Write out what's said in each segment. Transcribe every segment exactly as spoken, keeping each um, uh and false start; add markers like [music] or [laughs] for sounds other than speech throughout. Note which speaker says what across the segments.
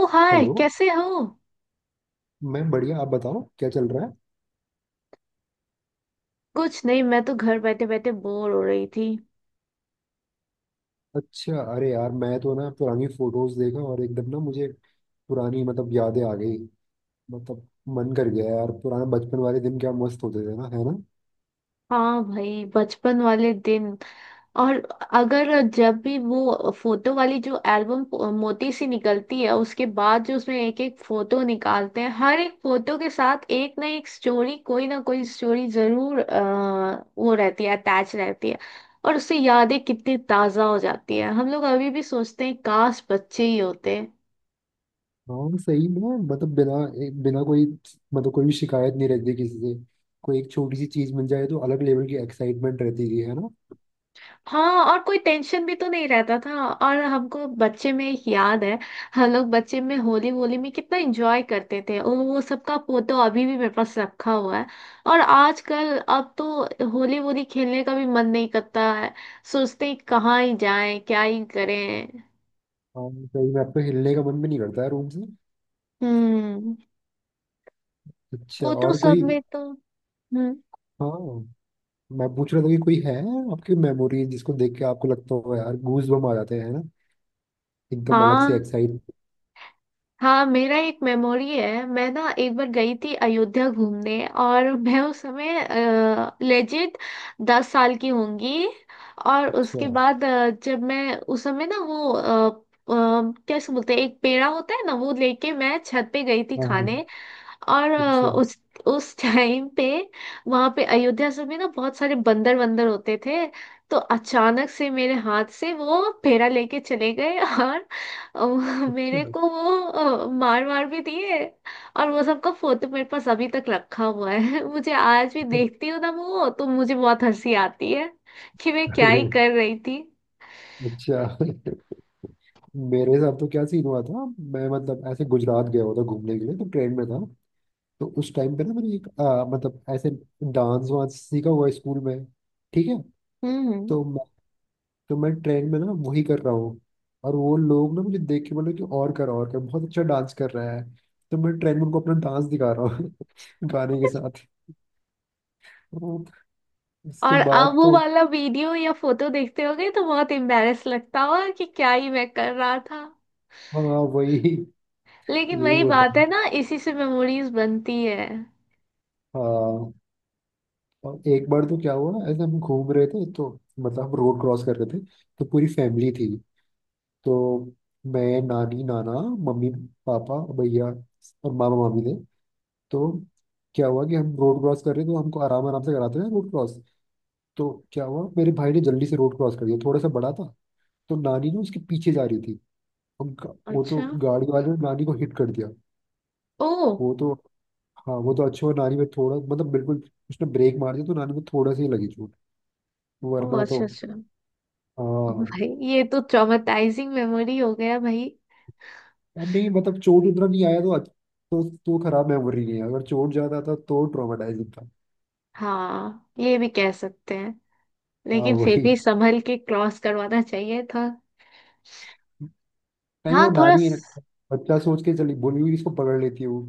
Speaker 1: ओ hi,
Speaker 2: hello.
Speaker 1: कैसे हो।
Speaker 2: मैं बढ़िया आप बताओ क्या चल रहा है।
Speaker 1: कुछ नहीं, मैं तो घर बैठे बैठे बोर हो रही थी।
Speaker 2: अच्छा। अरे यार मैं तो ना पुरानी फोटोज देखा और एकदम ना मुझे पुरानी मतलब यादें आ गई। मतलब मन कर गया यार पुराने बचपन वाले दिन क्या मस्त होते थे ना है ना।
Speaker 1: हाँ भाई, बचपन वाले दिन। और अगर जब भी वो फोटो वाली जो एल्बम मोटी सी निकलती है, उसके बाद जो उसमें एक एक फोटो निकालते हैं, हर एक फोटो के साथ एक ना एक स्टोरी, कोई ना कोई स्टोरी जरूर अ, वो रहती है, अटैच रहती है। और उससे यादें कितनी ताजा हो जाती है। हम लोग अभी भी सोचते हैं, काश बच्चे ही होते।
Speaker 2: हाँ सही में मतलब बिना एक बिना कोई मतलब कोई भी शिकायत नहीं रहती किसी से। कोई एक छोटी सी चीज मिल जाए तो अलग लेवल की एक्साइटमेंट रहती थी है ना।
Speaker 1: हाँ, और कोई टेंशन भी तो नहीं रहता था। और हमको बच्चे में एक याद है। हम लोग बच्चे में होली वोली में कितना एंजॉय करते थे, और वो सबका फोटो अभी भी मेरे पास रखा हुआ है। और आजकल अब तो होली वोली खेलने का भी मन नहीं करता है। सोचते हैं कहाँ ही जाएं, क्या ही करें।
Speaker 2: हाँ सही में आपको हिलने का मन भी नहीं करता है रूम से।
Speaker 1: हम्म।
Speaker 2: अच्छा
Speaker 1: फोटो
Speaker 2: और
Speaker 1: सब
Speaker 2: कोई।
Speaker 1: में तो। हम्म।
Speaker 2: हाँ। मैं पूछ रहा था कि कोई है आपकी मेमोरी जिसको देख के आपको लगता हो यार गूज बम आ जाते हैं ना। एकदम अलग
Speaker 1: हाँ,
Speaker 2: से एक्साइट।
Speaker 1: हाँ, मेरा एक मेमोरी है। मैं ना एक बार गई थी अयोध्या घूमने, और मैं उस समय लेजिट दस साल की होंगी। और
Speaker 2: अच्छा।
Speaker 1: उसके बाद अ, जब मैं उस समय ना, वो अ, अ, कैसे बोलते हैं, एक पेड़ा होता है ना, वो लेके मैं छत पे गई थी
Speaker 2: हाँ हाँ।
Speaker 1: खाने। और अ,
Speaker 2: अच्छा।
Speaker 1: उस उस टाइम पे वहां पे अयोध्या सब में ना बहुत सारे बंदर वंदर होते थे। तो अचानक से मेरे हाथ से वो फेरा लेके चले गए [laughs] और अ,
Speaker 2: अच्छा।
Speaker 1: मेरे को वो अ, मार मार भी दिए। और वो सबका फोटो मेरे पास अभी तक रखा हुआ है। [laughs] मुझे आज भी देखती हूँ ना, वो तो मुझे बहुत हंसी आती है कि मैं क्या ही
Speaker 2: अरे।
Speaker 1: कर रही थी।
Speaker 2: अच्छा। मेरे साथ तो क्या सीन हुआ था। मैं मतलब ऐसे गुजरात गया हुआ था घूमने के लिए तो ट्रेन में था। तो उस टाइम पे ना मैंने एक आ, मतलब ऐसे डांस वांस सीखा हुआ है स्कूल में। ठीक है।
Speaker 1: हम्म।
Speaker 2: तो तो मैं ट्रेन में ना वही कर रहा हूँ। और वो लोग ना मुझे देख के बोले कि और कर और कर बहुत अच्छा डांस कर रहा है। तो मैं ट्रेन में उनको अपना डांस दिखा रहा हूँ [laughs] गाने के साथ। तो इसके
Speaker 1: और अब
Speaker 2: बाद
Speaker 1: वो
Speaker 2: तो।
Speaker 1: वाला वीडियो या फोटो देखते होगे तो बहुत एम्बैरेस लगता होगा कि क्या ही मैं कर रहा था।
Speaker 2: हाँ वही।
Speaker 1: लेकिन
Speaker 2: यही
Speaker 1: वही
Speaker 2: होता
Speaker 1: बात है
Speaker 2: है।
Speaker 1: ना, इसी से मेमोरीज बनती है।
Speaker 2: हाँ। और एक बार तो क्या हुआ ऐसे हम घूम रहे थे तो मतलब हम रोड क्रॉस कर रहे थे। तो पूरी फैमिली थी। तो मैं नानी नाना मम्मी पापा भैया और मामा मामी थे। तो क्या हुआ कि हम रोड क्रॉस कर रहे थे तो हमको आराम आराम से कराते हैं रोड क्रॉस। तो क्या हुआ मेरे भाई ने जल्दी से रोड क्रॉस कर दिया थोड़ा सा बड़ा था। तो नानी ना उसके पीछे जा रही थी। उनका वो तो
Speaker 1: अच्छा।
Speaker 2: गाड़ी वाले ने नानी को हिट कर दिया।
Speaker 1: ओ।
Speaker 2: वो तो हाँ वो तो अच्छा हुआ नानी में थोड़ा मतलब बिल्कुल। उसने ब्रेक मार दिया तो नानी में थोड़ा सा ही लगी चोट।
Speaker 1: ओ
Speaker 2: वरना तो।
Speaker 1: अच्छा, अच्छा।
Speaker 2: हाँ।
Speaker 1: भाई, ये तो ट्रॉमेटाइजिंग मेमोरी हो गया भाई।
Speaker 2: यार नहीं मतलब चोट उतना नहीं आया तो अच्छ- तो तो खराब मेमोरी नहीं है अगर चोट ज्यादा था तो ट्रॉमेटाइजिंग था।
Speaker 1: हाँ, ये भी कह सकते हैं,
Speaker 2: हाँ
Speaker 1: लेकिन फिर
Speaker 2: वही।
Speaker 1: भी संभल के क्रॉस करवाना चाहिए था।
Speaker 2: नहीं
Speaker 1: हाँ,
Speaker 2: वो
Speaker 1: थोड़ा
Speaker 2: नानी है
Speaker 1: स-।
Speaker 2: ना, बच्चा सोच के चली बोली हुई इसको पकड़ लेती है वो।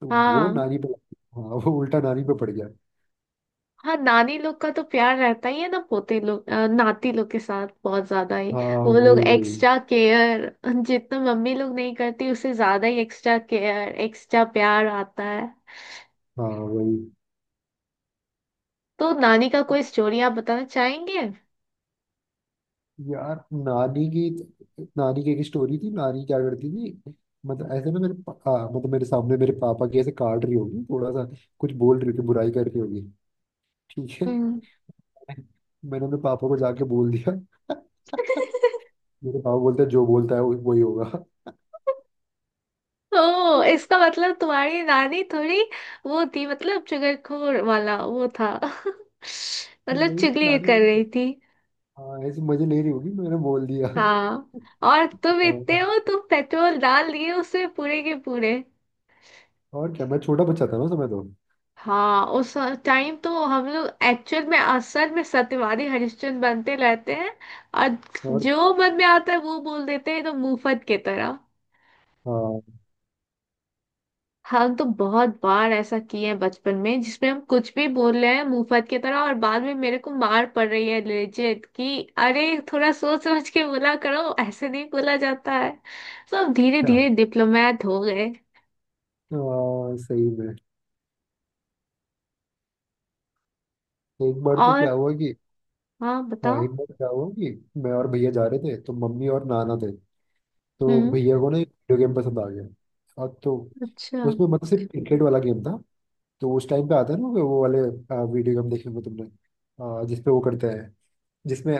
Speaker 2: तो वो
Speaker 1: हाँ,
Speaker 2: नानी पे। हाँ वो उल्टा नानी पे पड़ गया।
Speaker 1: हाँ, नानी लोग का तो प्यार रहता ही है ना, पोते लोग, अ, नाती लोग के साथ बहुत ज्यादा ही।
Speaker 2: हाँ
Speaker 1: वो लोग
Speaker 2: वही वही।
Speaker 1: एक्स्ट्रा केयर, जितना मम्मी लोग नहीं करती उससे ज्यादा ही एक्स्ट्रा केयर, एक्स्ट्रा प्यार आता है।
Speaker 2: हाँ वही।
Speaker 1: तो नानी का कोई स्टोरी आप बताना चाहेंगे।
Speaker 2: यार नानी की नानी की एक स्टोरी थी नानी क्या करती थी। मतलब ऐसे ना मेरे पा- हाँ, मतलब मेरे सामने मेरे पापा की ऐसे काट रही होगी थोड़ा सा। कुछ बोल रही होगी बुराई कर रही होगी। ठीक है।
Speaker 1: हम्म।
Speaker 2: मैंने अपने पापा को जाके बोल दिया। मेरे पापा बोलते हैं जो बोलता है वो- वही होगा।
Speaker 1: [laughs] ओ, इसका मतलब तुम्हारी नानी थोड़ी वो थी, मतलब चुगलखोर वाला वो था। [laughs] मतलब
Speaker 2: नहीं
Speaker 1: चुगली
Speaker 2: नानी
Speaker 1: कर
Speaker 2: बोले।
Speaker 1: रही थी।
Speaker 2: हाँ ऐसे मजे ले रही होगी मैंने बोल दिया।
Speaker 1: हाँ, और तुम इतने
Speaker 2: और,
Speaker 1: हो, तुम पेट्रोल डाल दिए उसमें पूरे के पूरे।
Speaker 2: और क्या मैं छोटा बच्चा था ना उस समय तो।
Speaker 1: हाँ, उस टाइम तो हम लोग एक्चुअल में, असल में सत्यवादी हरिश्चंद्र बनते रहते हैं। और
Speaker 2: और
Speaker 1: जो मन में आता है वो बोल देते हैं तो, मुफ्त की तरह।
Speaker 2: हाँ।
Speaker 1: हम तो बहुत बार ऐसा किए हैं बचपन में, जिसमें हम कुछ भी बोल रहे हैं मुफ्त की तरह, और बाद में मेरे को मार पड़ रही है लेजिट कि, अरे, थोड़ा सोच समझ के बोला करो, ऐसे नहीं बोला जाता है। सब धीरे
Speaker 2: क्या।
Speaker 1: धीरे डिप्लोमेट हो गए।
Speaker 2: हाँ सही में। एक बार तो
Speaker 1: और।
Speaker 2: क्या हुआ कि।
Speaker 1: हाँ,
Speaker 2: हाँ
Speaker 1: बताओ।
Speaker 2: एक बार क्या हुआ कि मैं और भैया जा रहे थे तो मम्मी और नाना थे। तो
Speaker 1: हम्म।
Speaker 2: भैया को ना एक वीडियो गेम पसंद आ गया। अब तो।
Speaker 1: अच्छा।
Speaker 2: उसमें मतलब सिर्फ क्रिकेट वाला गेम था। तो उस टाइम पे आता है ना वो वो वाले वीडियो गेम देखे होंगे तुमने। आ, जिसपे वो करते हैं जिसमें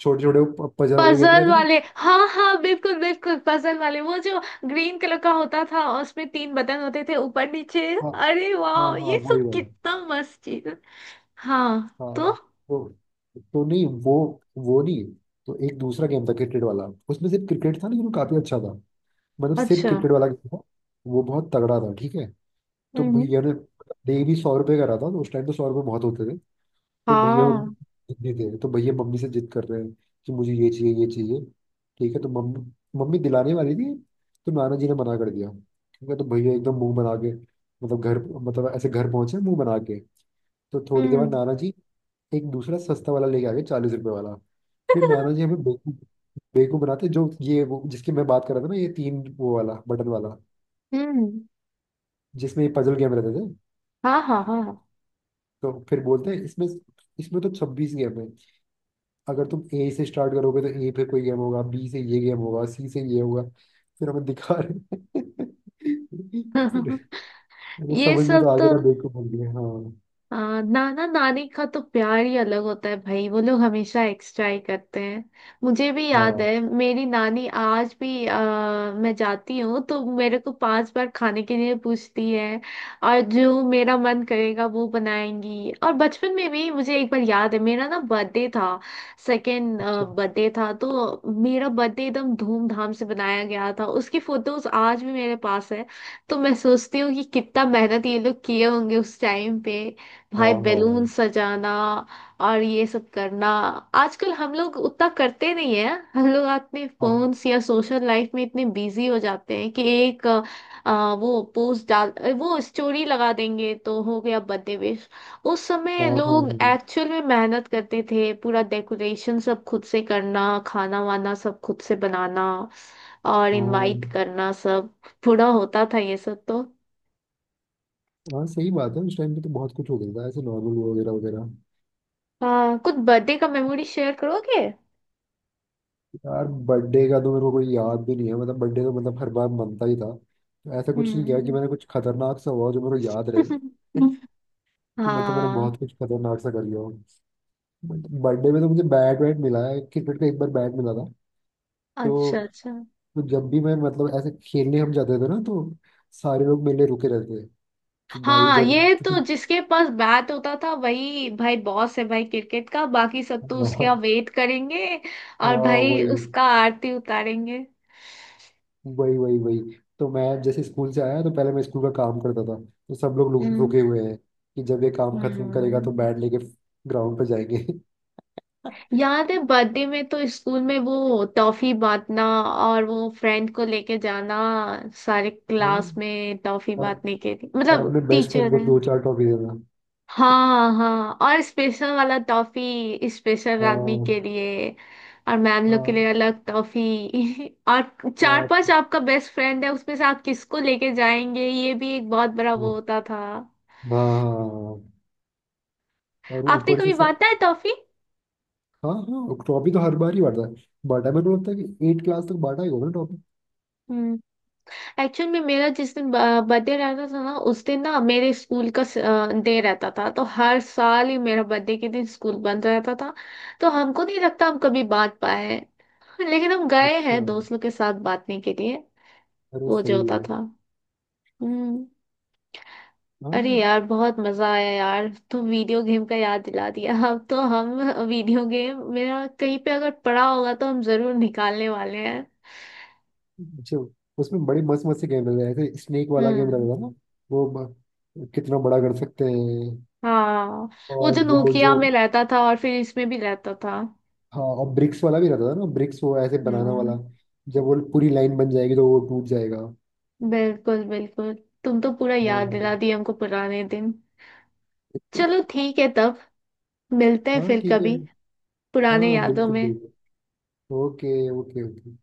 Speaker 2: छोटे छोटे पजल वाले गेम
Speaker 1: पजल
Speaker 2: रहते हैं ना।
Speaker 1: वाले, हाँ, हाँ, बिल्कुल बिल्कुल, पजल वाले, वो जो ग्रीन कलर का होता था और उसमें तीन बटन होते थे, ऊपर नीचे।
Speaker 2: हाँ
Speaker 1: अरे
Speaker 2: हाँ
Speaker 1: वाह,
Speaker 2: हाँ।
Speaker 1: ये
Speaker 2: वही
Speaker 1: सब
Speaker 2: वाला।
Speaker 1: कितना मस्त चीज है। हाँ। तो।
Speaker 2: हाँ। तो। तो नहीं वो। वो नहीं। तो एक दूसरा गेम था क्रिकेट वाला उसमें सिर्फ क्रिकेट था लेकिन वो काफी अच्छा था। मतलब सिर्फ
Speaker 1: अच्छा।
Speaker 2: क्रिकेट वाला गेम था। वो बहुत तगड़ा था ठीक है। तो
Speaker 1: हम्म।
Speaker 2: भैया ने डेली सौ रुपये का रहा था तो उस टाइम तो सौ रुपये बहुत होते थे। तो भैया
Speaker 1: हाँ।
Speaker 2: मम्मी देते थे तो भैया मम्मी से जिद कर रहे हैं कि मुझे ये चाहिए ये चाहिए। ठीक है तो मम्मी मम्मी दिलाने वाली थी। तो नाना जी ने मना कर दिया। ठीक है तो भैया एकदम मुंह बना के मतलब घर मतलब ऐसे घर पहुंचे मुंह बना के। तो थोड़ी देर बाद
Speaker 1: हम्म।
Speaker 2: नाना जी एक दूसरा सस्ता वाला लेके आ गए चालीस रुपए वाला। फिर नाना जी हमें बेवकूफ बेवकूफ बनाते जो ये वो जिसकी मैं बात कर रहा था ना ये तीन वो वाला बटन वाला
Speaker 1: हम्म।
Speaker 2: जिसमें ये पजल गेम रहते थे।
Speaker 1: हाँ, हाँ, हाँ।
Speaker 2: तो फिर बोलते हैं इसमें इसमें तो छब्बीस गेम है। अगर तुम ए से स्टार्ट करोगे तो ए पे कोई गेम होगा बी से ये गेम होगा सी से ये होगा फिर हमें दिखा रहे हैं। फिर
Speaker 1: [laughs]
Speaker 2: वो
Speaker 1: ये
Speaker 2: समझ में
Speaker 1: सब
Speaker 2: तो आ गया
Speaker 1: तो।
Speaker 2: था बेवकूफ बन गया हाँ।
Speaker 1: हाँ, नाना नानी का तो प्यार ही अलग होता है भाई, वो लोग हमेशा एक्स्ट्रा ही करते हैं। मुझे भी याद
Speaker 2: हाँ।
Speaker 1: है मेरी नानी आज भी, आ, मैं जाती हूँ तो मेरे को पांच बार खाने के लिए पूछती है। और जो मेरा मन करेगा वो बनाएंगी। और बचपन में भी मुझे एक बार याद है, मेरा ना बर्थडे था। सेकेंड
Speaker 2: अच्छा।
Speaker 1: बर्थडे था, तो मेरा बर्थडे एकदम धूमधाम से बनाया गया था, उसकी फोटोज आज भी मेरे पास है। तो मैं सोचती हूँ कि कितना मेहनत ये लोग किए होंगे उस टाइम पे,
Speaker 2: हाँ
Speaker 1: भाई। बैलून
Speaker 2: हाँ
Speaker 1: सजाना और ये सब करना, आजकल हम लोग उतना करते नहीं है। हम लोग अपने
Speaker 2: हाँ
Speaker 1: फोन्स या सोशल लाइफ में इतने बिजी हो जाते हैं कि एक अ, अ, वो पोस्ट डाल, अ, वो स्टोरी लगा देंगे तो हो गया बर्थडे विश। उस
Speaker 2: हाँ
Speaker 1: समय लोग
Speaker 2: हाँ
Speaker 1: एक्चुअल में मेहनत करते थे, पूरा डेकोरेशन सब खुद से करना, खाना वाना सब खुद से बनाना और
Speaker 2: हाँ।
Speaker 1: इनवाइट करना सब, पूरा होता था ये सब तो।
Speaker 2: हाँ सही बात है उस टाइम पे तो बहुत कुछ हो गया था ऐसे नॉर्मल वगैरह वगैरह।
Speaker 1: हाँ, कुछ बर्थडे का मेमोरी शेयर करोगे।
Speaker 2: यार बर्थडे का तो मेरे को कोई याद भी नहीं है मतलब बर्थडे तो मतलब हर बार मनता ही था तो ऐसा कुछ नहीं किया कि
Speaker 1: हम्म।
Speaker 2: मैंने कुछ खतरनाक सा हुआ हो जो मेरे को याद रहे।
Speaker 1: [laughs]
Speaker 2: कि मतलब मैंने बहुत
Speaker 1: हाँ।
Speaker 2: कुछ खतरनाक सा कर लिया हूँ। बर्थडे में तो मुझे बैट वैट मिला है क्रिकेट का एक बार बैट मिला था।
Speaker 1: अच्छा
Speaker 2: तो,
Speaker 1: अच्छा।
Speaker 2: तो जब भी मैं मतलब ऐसे खेलने हम जाते थे ना तो सारे लोग मेरे लिए रुके रहते थे। कि भाई
Speaker 1: हाँ,
Speaker 2: जब।
Speaker 1: ये तो जिसके पास बैट होता था वही भाई बॉस है भाई, क्रिकेट का बाकी सब तो उसके यहाँ
Speaker 2: हाँ
Speaker 1: वेट करेंगे। और
Speaker 2: हाँ,
Speaker 1: भाई
Speaker 2: वही
Speaker 1: उसका आरती उतारेंगे।
Speaker 2: वही वही वही तो मैं जैसे स्कूल से आया तो पहले मैं स्कूल का काम करता था। तो सब लोग रु-
Speaker 1: हम्म।
Speaker 2: रुके हुए हैं। कि जब ये काम खत्म करेगा तो
Speaker 1: हम्म।
Speaker 2: बैट लेके ग्राउंड पे जाएंगे [laughs]
Speaker 1: याद है, बर्थडे में तो स्कूल में वो टॉफी बांटना और वो फ्रेंड को लेके जाना, सारे क्लास
Speaker 2: हाँ।
Speaker 1: में टॉफी
Speaker 2: और
Speaker 1: बांटने के लिए,
Speaker 2: और
Speaker 1: मतलब
Speaker 2: अपने बेस्ट फ्रेंड
Speaker 1: टीचर
Speaker 2: को
Speaker 1: है।
Speaker 2: दो चार टॉफी देना।
Speaker 1: हाँ, हाँ, और स्पेशल वाला टॉफी स्पेशल आदमी
Speaker 2: हाँ
Speaker 1: के लिए, और मैम लोग के
Speaker 2: हाँ
Speaker 1: लिए अलग टॉफी। [laughs] और चार पांच आपका बेस्ट फ्रेंड है, उसमें से आप किसको लेके जाएंगे, ये भी एक बहुत बड़ा
Speaker 2: हाँ
Speaker 1: वो होता था।
Speaker 2: हाँ हाँ, और
Speaker 1: आपने
Speaker 2: ऊपर से
Speaker 1: कभी
Speaker 2: सर।
Speaker 1: बांटा है टॉफी?
Speaker 2: हाँ हाँ ट्रॉफी तो हर बार ही बांटा है। बांटा है मेरे को लगता है कि एट क्लास तक बांटा ही होगा ना ट्रॉफी।
Speaker 1: हम्म। एक्चुअल में मेरा जिस दिन बर्थडे रहता था ना, उस दिन ना मेरे स्कूल का डे रहता था, तो हर साल ही मेरा बर्थडे के दिन स्कूल बंद रहता था। तो हमको नहीं लगता हम कभी बांट पाए। लेकिन हम गए
Speaker 2: अच्छा।
Speaker 1: हैं दोस्तों के साथ बांटने के लिए,
Speaker 2: अरे
Speaker 1: वो
Speaker 2: सही
Speaker 1: जो होता
Speaker 2: है।
Speaker 1: था। हम्म। अरे
Speaker 2: हाँ।
Speaker 1: यार, बहुत मजा आया यार। तुम वीडियो गेम का याद दिला दिया। [laughs] अब तो हम, वीडियो गेम मेरा कहीं पे अगर पड़ा होगा तो हम जरूर निकालने वाले हैं।
Speaker 2: अच्छा। उसमें बड़े मस्त मस्त से गेम रहते हैं ऐसे स्नेक वाला गेम
Speaker 1: हम्म।
Speaker 2: रहता था ना। वो ब- कितना बड़ा कर सकते हैं।
Speaker 1: हाँ। वो
Speaker 2: और
Speaker 1: जो
Speaker 2: वो जो।
Speaker 1: नोकिया में रहता था और फिर इसमें भी रहता था।
Speaker 2: हाँ और ब्रिक्स वाला भी रहता था ना ब्रिक्स वो ऐसे बनाना वाला।
Speaker 1: हम्म।
Speaker 2: जब वो पूरी लाइन बन जाएगी तो वो टूट जाएगा।
Speaker 1: बिल्कुल बिल्कुल। तुम तो पूरा याद दिला
Speaker 2: हाँ
Speaker 1: दिए हमको पुराने दिन। चलो ठीक है तब, मिलते हैं
Speaker 2: हाँ
Speaker 1: फिर
Speaker 2: ठीक है।
Speaker 1: कभी पुराने
Speaker 2: हाँ
Speaker 1: यादों
Speaker 2: बिल्कुल
Speaker 1: में।
Speaker 2: बिल्कुल। Okay okay okay.